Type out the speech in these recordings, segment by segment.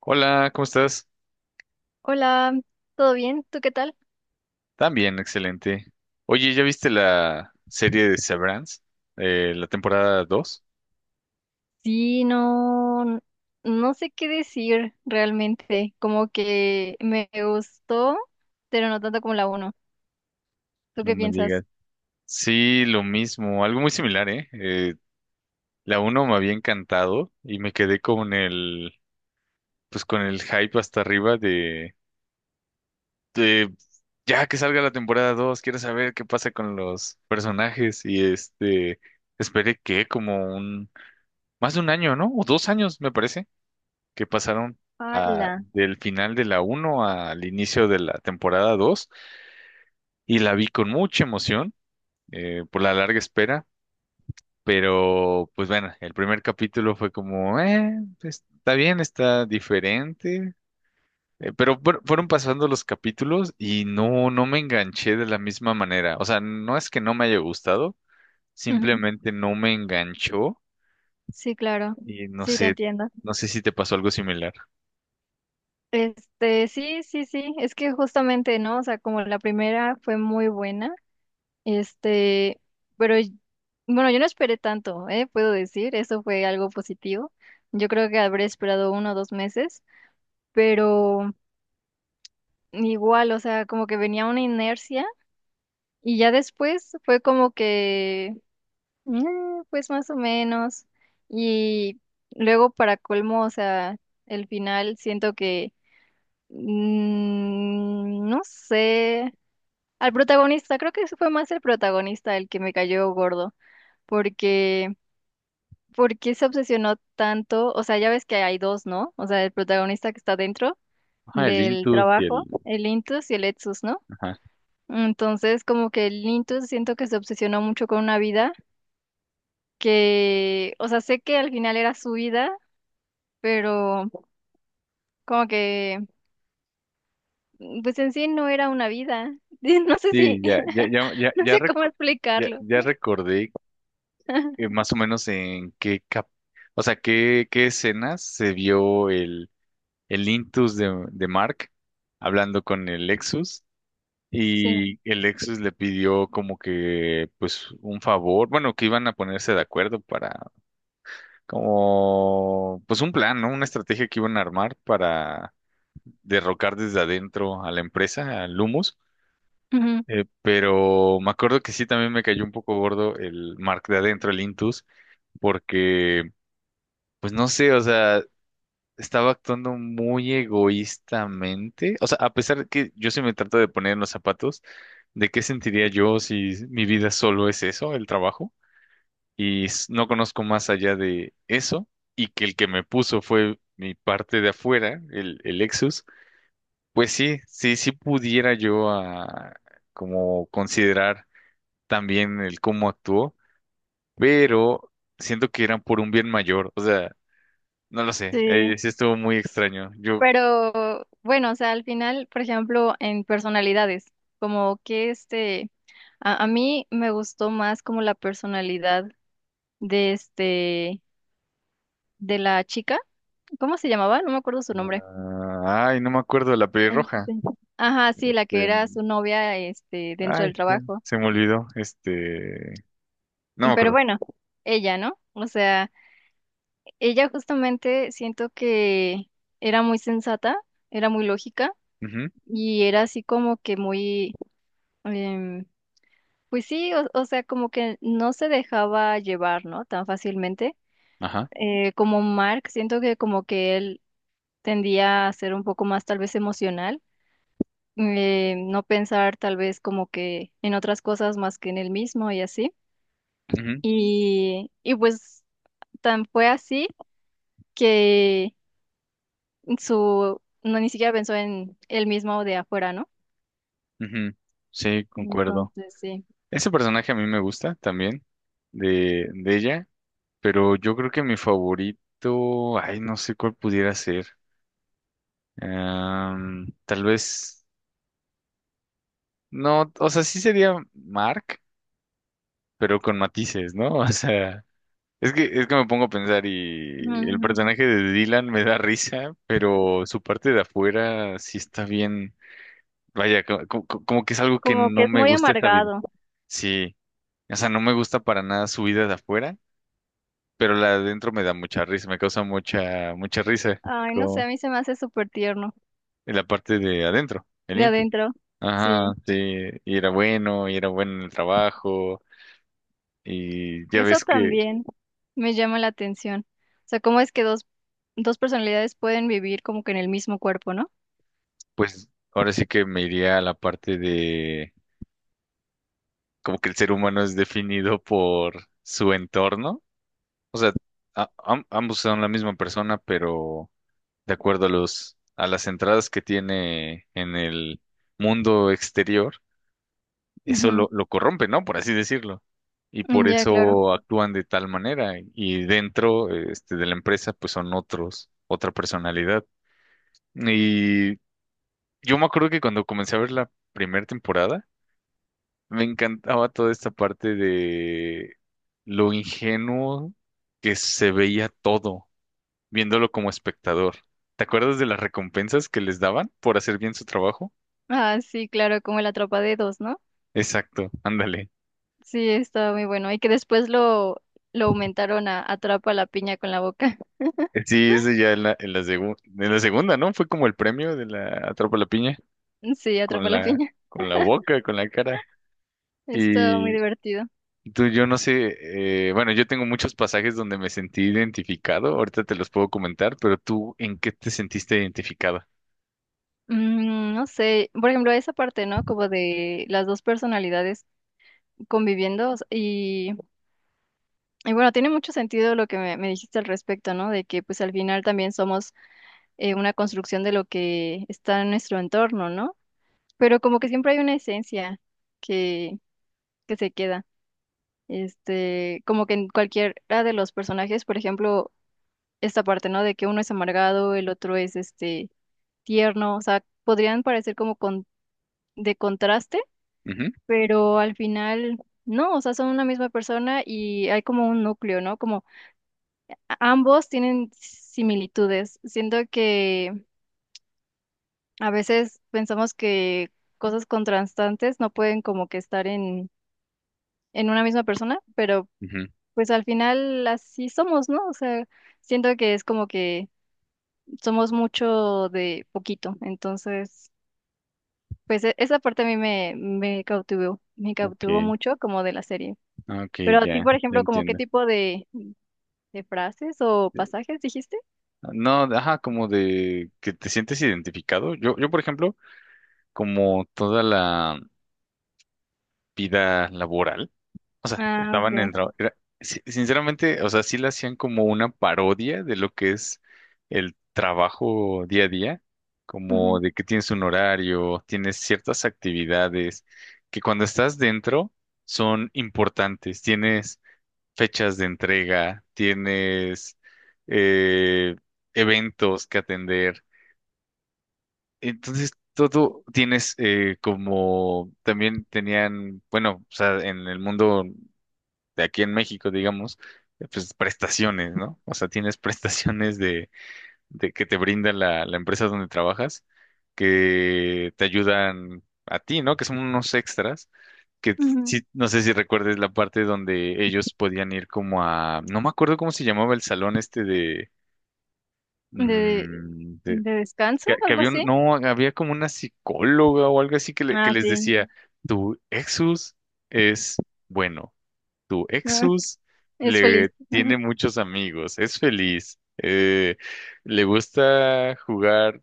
Hola, ¿cómo estás? Hola, ¿todo bien? ¿Tú qué tal? También, excelente. Oye, ¿ya viste la serie de Severance? ¿La temporada 2? Sí, no, no sé qué decir realmente. Como que me gustó, pero no tanto como la uno. ¿Tú No qué me piensas? digas. Sí, lo mismo, algo muy similar, ¿eh? La uno me había encantado y me quedé con pues con el hype hasta arriba de ya que salga la temporada 2. Quiero saber qué pasa con los personajes y este, esperé que como más de un año, ¿no? O 2 años, me parece que pasaron Hola. del final de la uno al inicio de la temporada 2 y la vi con mucha emoción, por la larga espera. Pero pues bueno, el primer capítulo fue como, pues, está bien, está diferente. Pero fueron pasando los capítulos y no, no me enganché de la misma manera. O sea, no es que no me haya gustado, simplemente no me enganchó. Sí, claro. Y no Sí, te sé, entiendo. no sé si te pasó algo similar. Sí, sí, sí. Es que justamente, ¿no? O sea, como la primera fue muy buena. Este, pero y- bueno, yo no esperé tanto, ¿eh? Puedo decir, eso fue algo positivo. Yo creo que habré esperado uno o dos meses, pero. Igual, o sea, como que venía una inercia y ya después fue como que, "Mm, pues más o menos. Y luego para colmo, o sea, el final siento que, no sé, al protagonista, creo que ese fue más el protagonista el que me cayó gordo, porque, porque se obsesionó tanto, o sea, ya ves que hay dos, ¿no? O sea, el protagonista que está dentro Ajá, el del Intus y trabajo, el. el Intus y el Etsus, ¿no? Ajá. Entonces, como que el Intus siento que se obsesionó mucho con una vida que, o sea, sé que al final era su vida, pero como que, pues en sí no era una vida. No sé Sí, si, ya, ya, ya, ya, no ya, sé cómo ya, explicarlo. ya recordé, más o menos en qué o sea, qué escenas se vio el Intus de Mark hablando con el Lexus Sí, y el Lexus le pidió como que, pues, un favor, bueno, que iban a ponerse de acuerdo para, como, pues, un plan, ¿no? Una estrategia que iban a armar para derrocar desde adentro a la empresa, al Lumus. ujú, Pero me acuerdo que sí también me cayó un poco gordo el Mark de adentro, el Intus. Porque, pues no sé, o sea, estaba actuando muy egoístamente. O sea, a pesar de que yo sí me trato de poner en los zapatos, ¿de qué sentiría yo si mi vida solo es eso, el trabajo? Y no conozco más allá de eso, y que el que me puso fue mi parte de afuera, el Lexus. Pues sí, sí, sí pudiera yo como considerar. También el cómo actuó, pero siento que eran por un bien mayor. O sea, no lo sé, sí. Sí estuvo muy extraño. Yo. Pero bueno, o sea, al final, por ejemplo, en personalidades, como que este, a mí me gustó más como la personalidad de este. De la chica, ¿cómo se llamaba? No me acuerdo su nombre. Ah, ay, no me acuerdo de la pelirroja. Este, ajá, sí, la que era de- su novia, este, dentro Ay, del se, trabajo. se me olvidó, este, no me Pero acuerdo. bueno, ella, ¿no? O sea, ella justamente siento que era muy sensata, era muy lógica Ujú, y era así como que muy, em, pues sí, o sea, como que no se dejaba llevar, ¿no? Tan fácilmente. ajá, Como Mark, siento que como que él tendía a ser un poco más tal vez emocional no pensar tal vez como que en otras cosas más que en el mismo y así. ujú, Y pues tan fue así que su, no ni siquiera pensó en el mismo de afuera, ¿no? ujú. Sí, concuerdo. Entonces, sí. Ese personaje a mí me gusta también, de ella, pero yo creo que mi favorito, ay, no sé cuál pudiera ser. Tal vez. No, o sea, sí sería Mark, pero con matices, ¿no? O sea, es que me pongo a pensar y el Ujú. personaje de Dylan me da risa, pero su parte de afuera sí está bien. Vaya, como, que es algo que Como que no es me muy gusta esta vida. amargado. Sí, o sea, no me gusta para nada su vida de afuera, pero la de adentro me da mucha risa, me causa mucha, mucha risa Ay, no sé, como a mí se me hace súper tierno en la parte de adentro, el de íntimo. adentro. Ajá, Sí, sí, y era bueno en el trabajo. Y ya eso ves que. también me llama la atención. O sea, cómo es que dos, dos personalidades pueden vivir como que en el mismo cuerpo, ¿no? Pues ahora sí que me iría a la parte de como que el ser humano es definido por su entorno. O sea, ambos son la misma persona, pero de acuerdo a las entradas que tiene en el mundo exterior, eso lo corrompe, ¿no? Por así decirlo. Y Ujú. por Ya, claro. eso actúan de tal manera. Y dentro, este, de la empresa, pues son otra personalidad. Y yo me acuerdo que cuando comencé a ver la primera temporada, me encantaba toda esta parte de lo ingenuo que se veía todo, viéndolo como espectador. ¿Te acuerdas de las recompensas que les daban por hacer bien su trabajo? Ah, sí, claro, como el Atrapa Dedos, ¿no? Exacto, ándale. Sí, estaba muy bueno. Y que después lo aumentaron a Atrapa la piña con la boca. Sí, ese ya en la segunda, ¿no? Fue como el premio de la Atrapa la Piña, Sí, Atrapa con la la, piña. con la boca, con la cara. Estaba muy Y divertido. tú, yo no sé, bueno, yo tengo muchos pasajes donde me sentí identificado, ahorita te los puedo comentar. Pero tú, ¿en qué te sentiste identificado? Mm, no sé, por ejemplo, esa parte, ¿no? Como de las dos personalidades conviviendo, o sea, y bueno, tiene mucho sentido lo que me dijiste al respecto, ¿no? De que pues al final también somos una construcción de lo que está en nuestro entorno, ¿no? Pero como que siempre hay una esencia que, que se queda. Este, como que en cualquiera de los personajes, por ejemplo, esta parte, ¿no? De que uno es amargado, el otro es este tierno, o sea, podrían parecer como con, de contraste, pero al final no, o sea, son una misma persona y hay como un núcleo, ¿no? Como ambos tienen similitudes. Siento que a veces pensamos que cosas contrastantes no pueden como que estar en una misma persona, pero Ujú. pues al final así somos, ¿no? O sea, siento que es como que somos mucho de poquito, entonces, pues esa parte a mí me cautivó Ok, mucho como de la serie. ah, ok, Pero a ti, ya, por ya ejemplo, como qué entiendo. tipo de frases o pasajes dijiste? No, ajá, como de que te sientes identificado. Yo, por ejemplo, como toda la vida laboral, o sea, Ah, estaban en ok. tra- era- si- sinceramente, o sea, sí le hacían como una parodia de lo que es el trabajo día a día, como Ujú, de que tienes un horario, tienes ciertas actividades que cuando estás dentro son importantes, tienes fechas de entrega, tienes eh, eventos que atender. Entonces, todo tienes como también tenían, bueno, o sea, en el mundo de aquí en México, digamos, pues prestaciones, ¿no? O sea, tienes prestaciones de que te brinda la empresa donde trabajas, que te ayudan a ti, ¿no? Que son unos extras que ujú. sí, no sé si recuerdes la parte donde ellos podían ir como no me acuerdo cómo se llamaba el salón este De, mm, de- de descanso, que algo había así. no, había como una psicóloga o algo así que, que Ah, les sí. decía, tu Exus es bueno, tu Exus Es le feliz. tiene muchos amigos, es feliz, le gusta jugar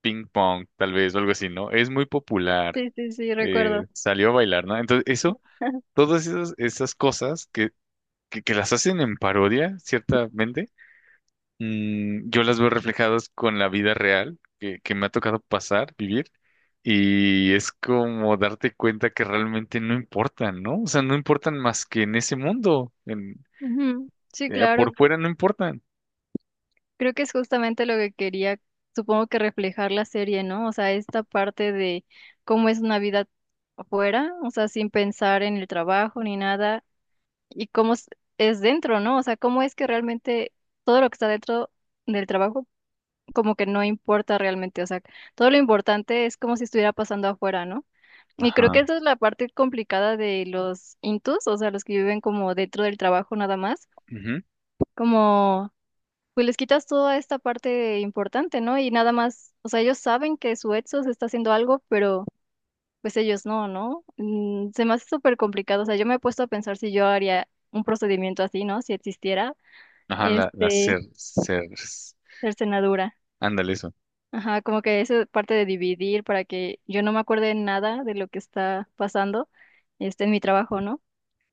ping pong, tal vez, o algo así, ¿no? Es muy popular, Sí, sí, sí, recuerdo. salió a bailar, ¿no? Entonces, eso, todas esas cosas que las hacen en parodia, ciertamente, yo las veo reflejadas con la vida real que me ha tocado pasar, vivir, y es como darte cuenta que realmente no importan, ¿no? O sea, no importan más que en ese mundo, Ujú. Sí, claro. por fuera no importan. Creo que es justamente lo que quería, supongo que reflejar la serie, ¿no? O sea, esta parte de cómo es una vida afuera, o sea, sin pensar en el trabajo ni nada, y cómo es dentro, ¿no? O sea, cómo es que realmente todo lo que está dentro del trabajo como que no importa realmente, o sea, todo lo importante es como si estuviera pasando afuera, ¿no? Y creo que Ajá, esa es la parte complicada de los intus, o sea, los que viven como dentro del trabajo nada más, ujú, como pues les quitas toda esta parte importante, ¿no? Y nada más, o sea, ellos saben que su Edsos está haciendo algo, pero pues ellos no, ¿no? Mm, se me hace súper complicado, o sea, yo me he puesto a pensar si yo haría un procedimiento así, ¿no? Si existiera, ajá, este, cercenadura. ándale eso, Ajá, como que esa parte de dividir para que yo no me acuerde nada de lo que está pasando, este, en mi trabajo, ¿no?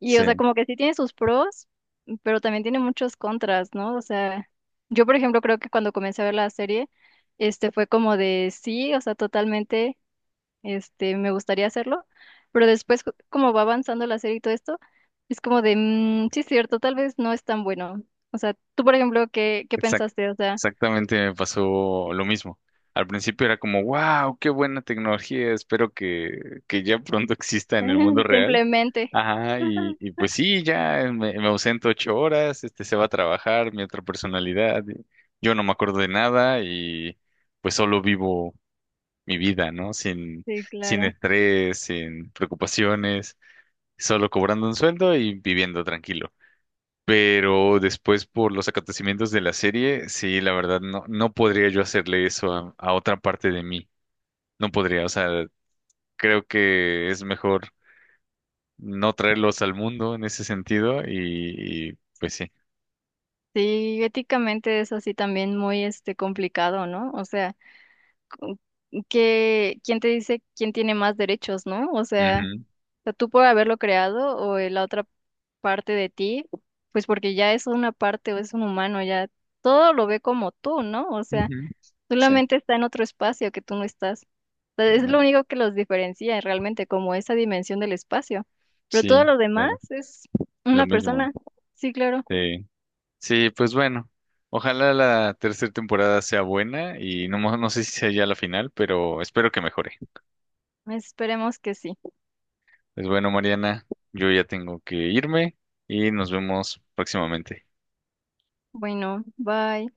Y, o sea, sí. como que sí tiene sus pros, pero también tiene muchos contras, ¿no? O sea, yo, por ejemplo, creo que cuando comencé a ver la serie, este fue como de sí, o sea, totalmente, este, me gustaría hacerlo, pero después, como va avanzando la serie y todo esto, es como de, mm, sí, es cierto, tal vez no es tan bueno. O sea, tú, por ejemplo, ¿qué, qué Exact- pensaste? O sea, Exactamente me pasó lo mismo. Al principio era como, wow, qué buena tecnología, espero que ya pronto exista en el mundo real. simplemente. Ajá, y, Ajá, y pues sí, ya me ausento 8 horas, este se va a trabajar, mi otra personalidad, y yo no me acuerdo de nada y pues solo vivo mi vida, ¿no? Sin, sí, sin claro. estrés, sin preocupaciones, solo cobrando un sueldo y viviendo tranquilo. Pero después por los acontecimientos de la serie, sí, la verdad, no, no podría yo hacerle eso a otra parte de mí. No podría, o sea, creo que es mejor no traerlos al mundo en ese sentido pues sí. Sí, éticamente es así también muy este complicado, ¿no? O sea, que quién te dice quién tiene más derechos, ¿no? Ujú, O sea, tú por haberlo creado o la otra parte de ti, pues porque ya es una parte o es un humano, ya todo lo ve como tú, ¿no? O sea, ujú. Sí, solamente está en otro espacio que tú no estás. O sea, es lo bueno, único que los diferencia realmente, como esa dimensión del espacio. Pero todo sí, lo demás claro, es lo una mismo. persona. Sí, claro. Sí, sí, pues bueno, ojalá la tercera temporada sea buena y no, no sé si sea ya la final, pero espero que mejore. Esperemos que sí. Pues bueno, Mariana, yo ya tengo que irme y nos vemos próximamente. Bueno, bye.